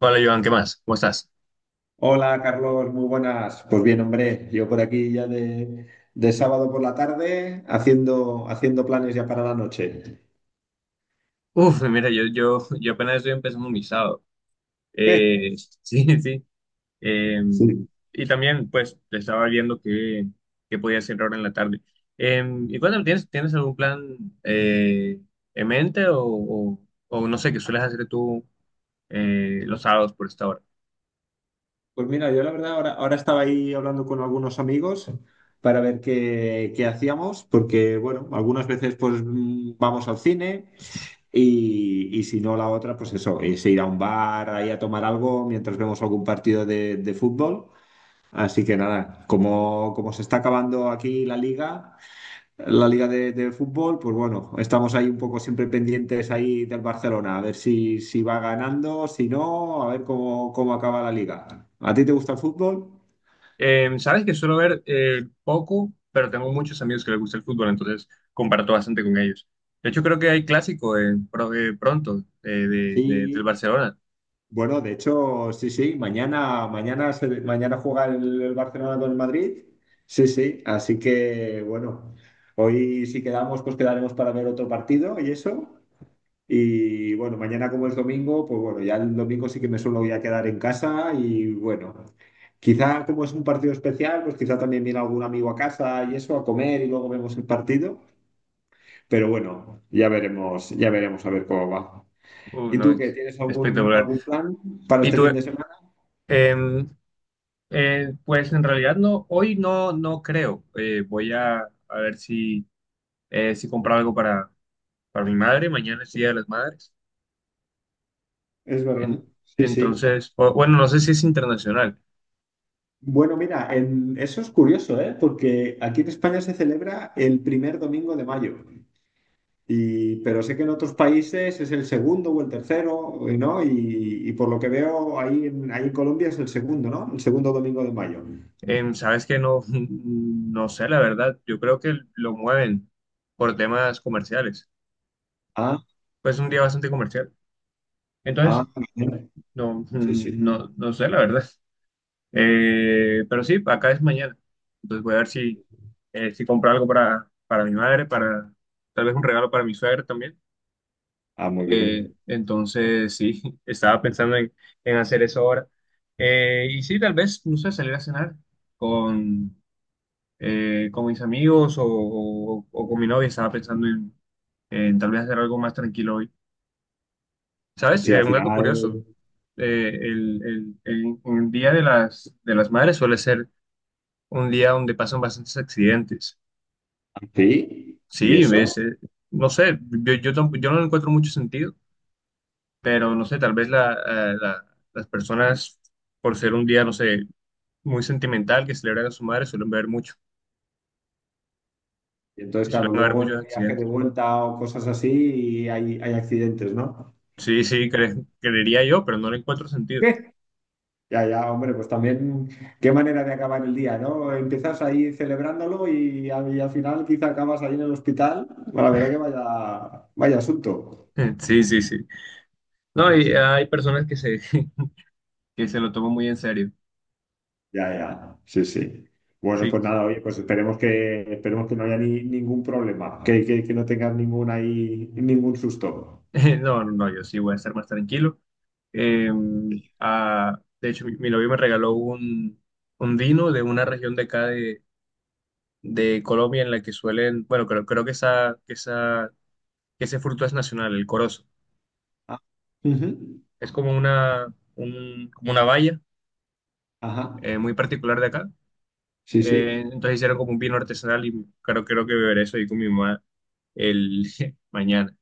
Hola, Joan, ¿qué más? ¿Cómo estás? Hola Carlos, muy buenas. Pues bien, hombre, yo por aquí ya de sábado por la tarde haciendo planes ya para la noche. Uf, mira, yo apenas estoy empezando mi sábado. ¿Qué? Eh, sí, sí. Eh, Sí. y también, pues, te estaba viendo qué podía hacer ahora en la tarde. Y cuéntame, tienes algún plan eh, en mente o no sé qué sueles hacer tú los sábados por esta hora? Pues mira, yo la verdad ahora estaba ahí hablando con algunos amigos para ver qué hacíamos, porque bueno, algunas veces pues vamos al cine y si no la otra, pues eso, es ir a un bar ahí a tomar algo mientras vemos algún partido de fútbol. Así que nada, como se está acabando aquí la liga. La liga de fútbol, pues bueno, estamos ahí un poco siempre pendientes ahí del Barcelona, a ver si va ganando, si no, a ver cómo acaba la liga. ¿A ti te gusta el fútbol? Sabes que suelo ver poco, pero tengo muchos amigos que les gusta el fútbol, entonces comparto bastante con ellos. De hecho, creo que hay clásico pronto del Sí, Barcelona. bueno, de hecho, sí, sí, mañana juega el Barcelona con el Madrid. Sí, sí, así que bueno, hoy si quedamos, pues quedaremos para ver otro partido y eso. Y bueno, mañana como es domingo, pues bueno, ya el domingo sí que me suelo ya quedar en casa y bueno, quizá como es un partido especial, pues quizá también viene algún amigo a casa y eso, a comer y luego vemos el partido. Pero bueno, ya veremos a ver cómo va. ¿Y No, tú es qué? ¿Tienes algún, espectacular. algún plan para Y este tú, fin de semana? em, pues en realidad no, hoy no creo. A ver si compro algo para mi madre. Mañana es Día de las Madres. Es verdad. En- Sí, sí. entonces, bueno, no sé si es internacional. Bueno, mira, eso es curioso, ¿eh? Porque aquí en España se celebra el primer domingo de mayo. Y, pero sé que en otros países es el segundo o el tercero, ¿no? Y por lo que veo ahí en Colombia es el segundo, ¿no? El segundo domingo de mayo. Sabes que no, no sé, la verdad. Yo creo que lo mueven por temas comerciales. Ah, Pues es un día bastante comercial. Entonces, ah, bien. no, Sí, sí. No sé, la verdad. Pero sí, acá es mañana. Entonces voy a ver si compro algo para mi madre, para tal vez un regalo para mi suegra también. Ah, muy bien. Entonces, sí, estaba pensando en hacer eso ahora. Y sí, tal vez, no sé, salir a cenar con, con mis amigos o con mi novia. Estaba pensando en tal vez hacer algo más tranquilo hoy. ¿Sabes? Sí, al Un dato final, curioso. El el Día de de las Madres suele ser un día donde pasan bastantes accidentes. sí. ¿Y Sí, eso? No sé, yo no le encuentro mucho sentido, pero no sé, tal vez las personas, por ser un día, no sé, muy sentimental que celebran a su madre, suelen ver mucho Y y entonces, claro, suelen haber luego en muchos el viaje accidentes. de vuelta o cosas así hay accidentes, ¿no? Sí, sí, creería yo, pero no le encuentro sentido. Ya, ya, hombre, pues también qué manera de acabar el día, ¿no? Empiezas ahí celebrándolo y al final quizá acabas ahí en el hospital. Bueno, la verdad que vaya, vaya asunto. Sí, sí, sí. No, Sí, y sí. hay personas que que se lo toman muy en serio. Ya, ya, sí, sí. Bueno, Sí. pues nada, oye, pues esperemos que no haya ningún problema, que no tengas ningún susto. No, no, no, yo sí voy a estar más tranquilo. Eh, de hecho, mi novio me regaló un vino de una región de acá de Colombia en la que suelen, bueno, creo que que ese fruto es nacional, el corozo. Ah, ujú. Es como como una valla Ajá, muy particular de acá. sí, sí. Entonces hicieron como un vino artesanal y creo que beberé eso ahí con mi mamá el mañana.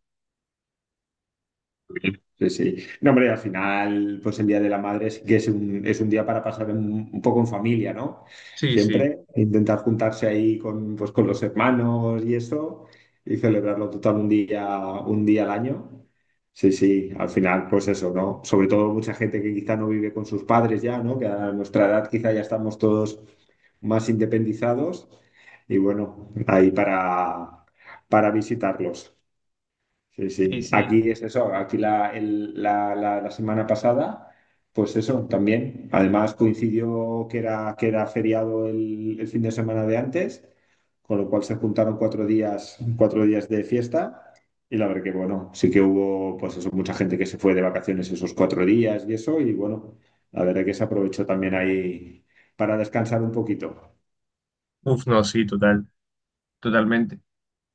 Sí, sí. No, hombre, al final, pues el Día de la Madre sí que es un día para pasar un poco en familia, ¿no? Sí, sí, Siempre e intentar juntarse ahí pues, con los hermanos y eso y celebrarlo total un día al año. Sí, sí, al final, pues eso, ¿no? Sobre todo mucha gente que quizá no vive con sus padres ya, ¿no? Que a nuestra edad quizá ya estamos todos más independizados y bueno, ahí para visitarlos. Sí, sí, sí. sí. Aquí es eso. Aquí la, el- la semana pasada, pues eso también. Además coincidió que era feriado el fin de semana de antes, con lo cual se juntaron 4 días, 4 días de fiesta. Y la verdad que, bueno, sí que hubo, pues eso, mucha gente que se fue de vacaciones esos 4 días y eso. Y bueno, la verdad que se aprovechó también ahí para descansar un poquito. Uf, no, sí, totalmente.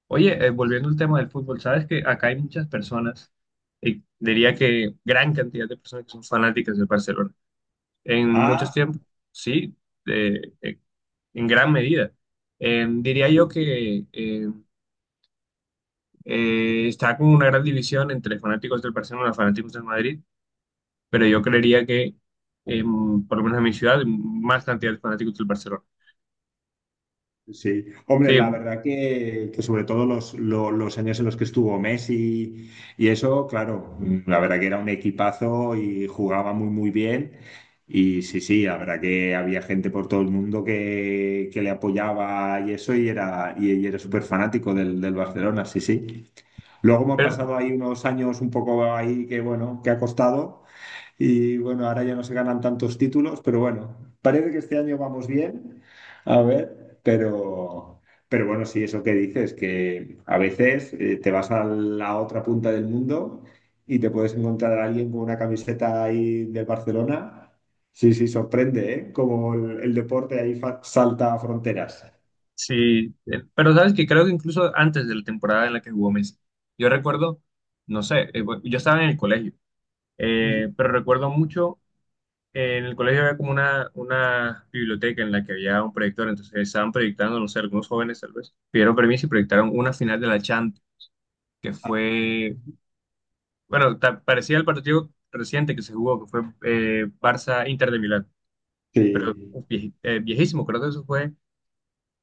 Oye, volviendo al tema del fútbol, sabes que acá hay muchas personas, diría que gran cantidad de personas que son fanáticas del Barcelona. En muchos Ah, tiempos, sí, eh, eh, en gran medida. Diría sí. yo que está como una gran división entre fanáticos del Barcelona y fanáticos del Madrid, pero yo creería que por lo menos en mi ciudad, más cantidad de fanáticos del Barcelona. Sí, hombre, Sí, la verdad que sobre todo los años en los que estuvo Messi y eso, claro, la verdad que era un equipazo y jugaba muy, muy bien. Y sí, sí, la verdad que había gente por todo el mundo que le apoyaba y eso, y era súper fanático del Barcelona, sí, sí. Luego hemos pero pasado ahí unos años un poco ahí bueno, que ha costado. Y bueno, ahora ya no se ganan tantos títulos, pero bueno, parece que este año vamos bien, a ver, pero bueno, sí, eso que dices, que a veces te vas a la otra punta del mundo y te puedes encontrar a alguien con una camiseta ahí de Barcelona. Sí, sí, sorprende, ¿eh? Como el deporte ahí salta fronteras. sí, pero sabes que creo que incluso antes de la temporada en la que jugó Messi, yo recuerdo, no sé, bueno, yo estaba en el colegio, Ujú. pero recuerdo mucho, en el colegio había como una biblioteca en la que había un proyector, entonces estaban proyectando, no sé, algunos jóvenes tal vez, pidieron permiso y proyectaron una final de la Champions, que Ah, fue, ujú. bueno, parecía el partido reciente que se jugó, que fue Barça-Inter de Milán. Pero Sí. uf, viejísimo, creo que eso fue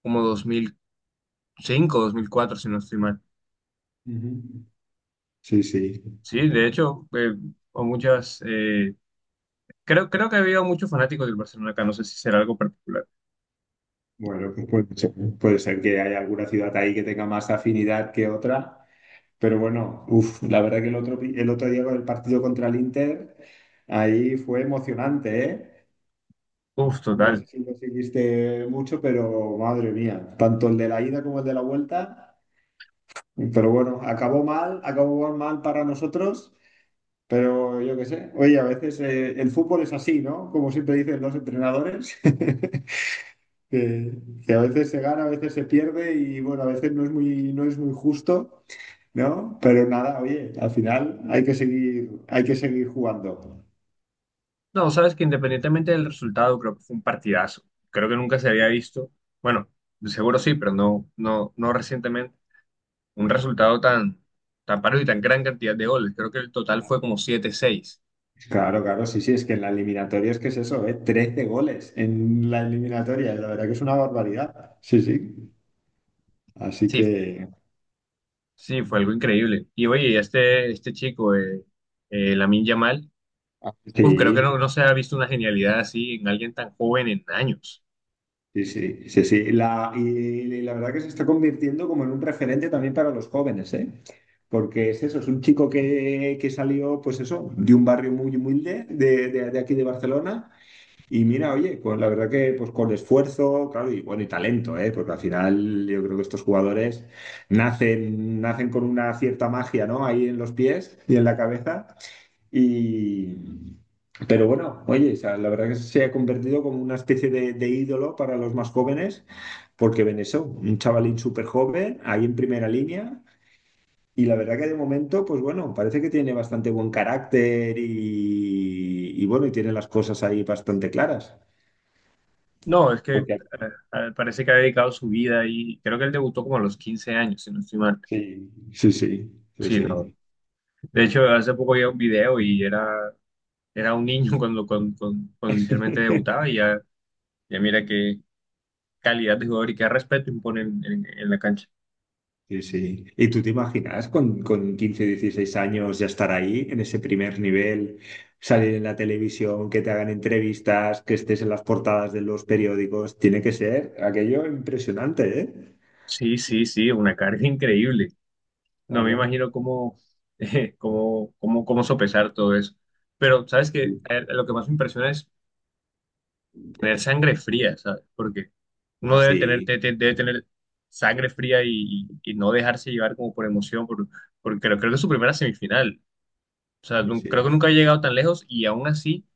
como 2005, 2004, si no estoy mal. Ujú. Sí, sí. Sí, de hecho, o muchas, eh, creo que había muchos fanáticos del Barcelona acá, no sé si será algo particular. Bueno, pues puede ser que haya alguna ciudad ahí que tenga más afinidad que otra, pero bueno, uf, la verdad que el otro día con el partido contra el Inter, ahí fue emocionante, ¿eh? Uf, No total. sé si lo seguiste mucho, pero madre mía, tanto el de la ida como el de la vuelta, pero bueno, acabó mal para nosotros, pero yo qué sé, oye, a veces el fútbol es así, ¿no? Como siempre dicen los entrenadores. que, que a veces se gana, a veces se pierde y bueno, a veces no es muy justo, ¿no? Pero nada, oye, al final hay que seguir jugando. No, sabes que independientemente del resultado, creo que fue un partidazo. Creo que nunca se había visto, bueno, de seguro sí, pero no recientemente, un resultado tan parejo y tan gran cantidad de goles. Creo que el total fue como 7-6. Claro, claro, sí, sí, es que en la eliminatoria es que es eso, ¿eh? 13 goles en la eliminatoria, la verdad que es una barbaridad. Sí, sí. Así que, Sí, fue algo increíble. Y oye, y este chico, Lamine Yamal, uf, creo que sí, no se ha visto una genialidad así en alguien tan joven en años. sí, sí, sí, sí. La verdad que se está convirtiendo como en un referente también para los jóvenes, ¿eh? Porque es eso, es un chico que salió, pues eso, de un barrio muy humilde de aquí de Barcelona. Y mira, oye, pues la verdad que pues con esfuerzo, claro, y bueno, y talento, ¿eh? Porque al final yo creo que estos jugadores nacen, nacen con una cierta magia, ¿no? Ahí en los pies y en la cabeza. Y, pero bueno, oye, o sea, la verdad que se ha convertido como una especie de ídolo para los más jóvenes, porque ven eso, un chavalín súper joven, ahí en primera línea, y la verdad que de momento, pues bueno, parece que tiene bastante buen carácter y bueno, y tiene las cosas ahí bastante claras. No, es que Porque, parece que ha dedicado su vida y creo que él debutó como a los 15 años, si no estoy mal. sí, sí, sí, sí, Sí, no. sí. De hecho, hace poco vi un video y era un niño cuando inicialmente debutaba y ya, ya mira qué calidad de jugador y qué respeto impone en en la cancha. Sí, sí. ¿Y tú te imaginas con 15, 16 años ya estar ahí, en ese primer nivel, salir en la televisión, que te hagan entrevistas, que estés en las portadas de los periódicos? Tiene que ser aquello impresionante, ¿eh? Sí, sí, sí, una carga increíble. No me Claro. imagino cómo sopesar todo eso. Pero, ¿sabes que lo que más me impresiona es tener sangre fría, ¿sabes? Porque Ah, uno sí, debe tener sangre fría y no dejarse llevar como por emoción, por, porque creo que es su primera semifinal. O sea, sí, creo que sí, nunca ha llegado tan lejos y aún así,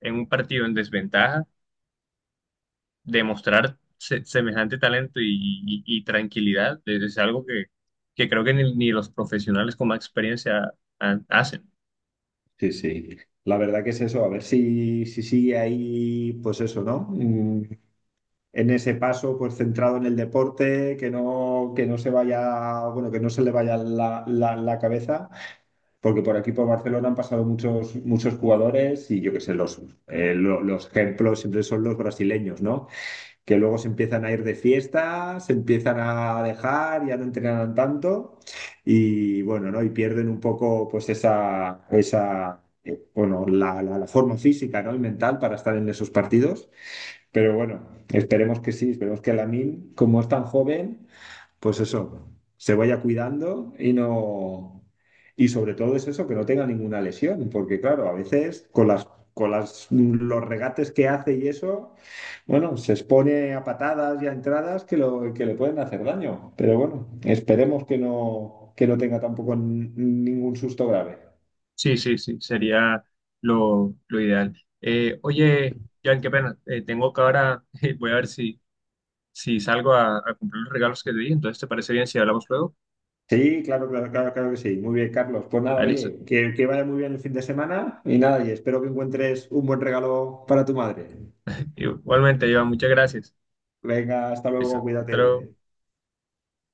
en un partido en desventaja, demostrar semejante talento y tranquilidad es algo que creo que ni los profesionales con más experiencia hacen. sí, sí. La verdad que es eso, a ver si sigue ahí, pues eso, ¿no? En ese paso, pues centrado en el deporte, que no se vaya, bueno, que no se le vaya la cabeza. Porque por aquí, por Barcelona, han pasado muchos, muchos jugadores y yo qué sé, los ejemplos siempre son los brasileños, ¿no? Que luego se empiezan a ir de fiesta, se empiezan a dejar, ya no entrenan tanto y bueno, ¿no? Y pierden un poco pues esa bueno, la forma física, ¿no? Y mental para estar en esos partidos. Pero bueno, esperemos que sí, esperemos que Lamine, como es tan joven pues eso, se vaya cuidando y no. Y sobre todo es eso, que no tenga ninguna lesión, porque claro, a veces los regates que hace y eso, bueno, se expone a patadas y a entradas que le pueden hacer daño. Pero bueno, esperemos que no tenga tampoco ningún susto grave. Sí, sí, sí, sería lo ideal. Oye, Jan, qué pena, tengo que ahora, voy a ver si salgo a cumplir los regalos que te di, entonces ¿te parece bien si hablamos luego? Sí, claro, claro, claro, claro que sí. Muy bien, Carlos. Pues nada, Ah, listo. oye, que vaya muy bien el fin de semana y nada, y espero que encuentres un buen regalo para tu madre. Igualmente, Iván, muchas gracias. Venga, hasta Listo, luego, hasta luego. cuídate.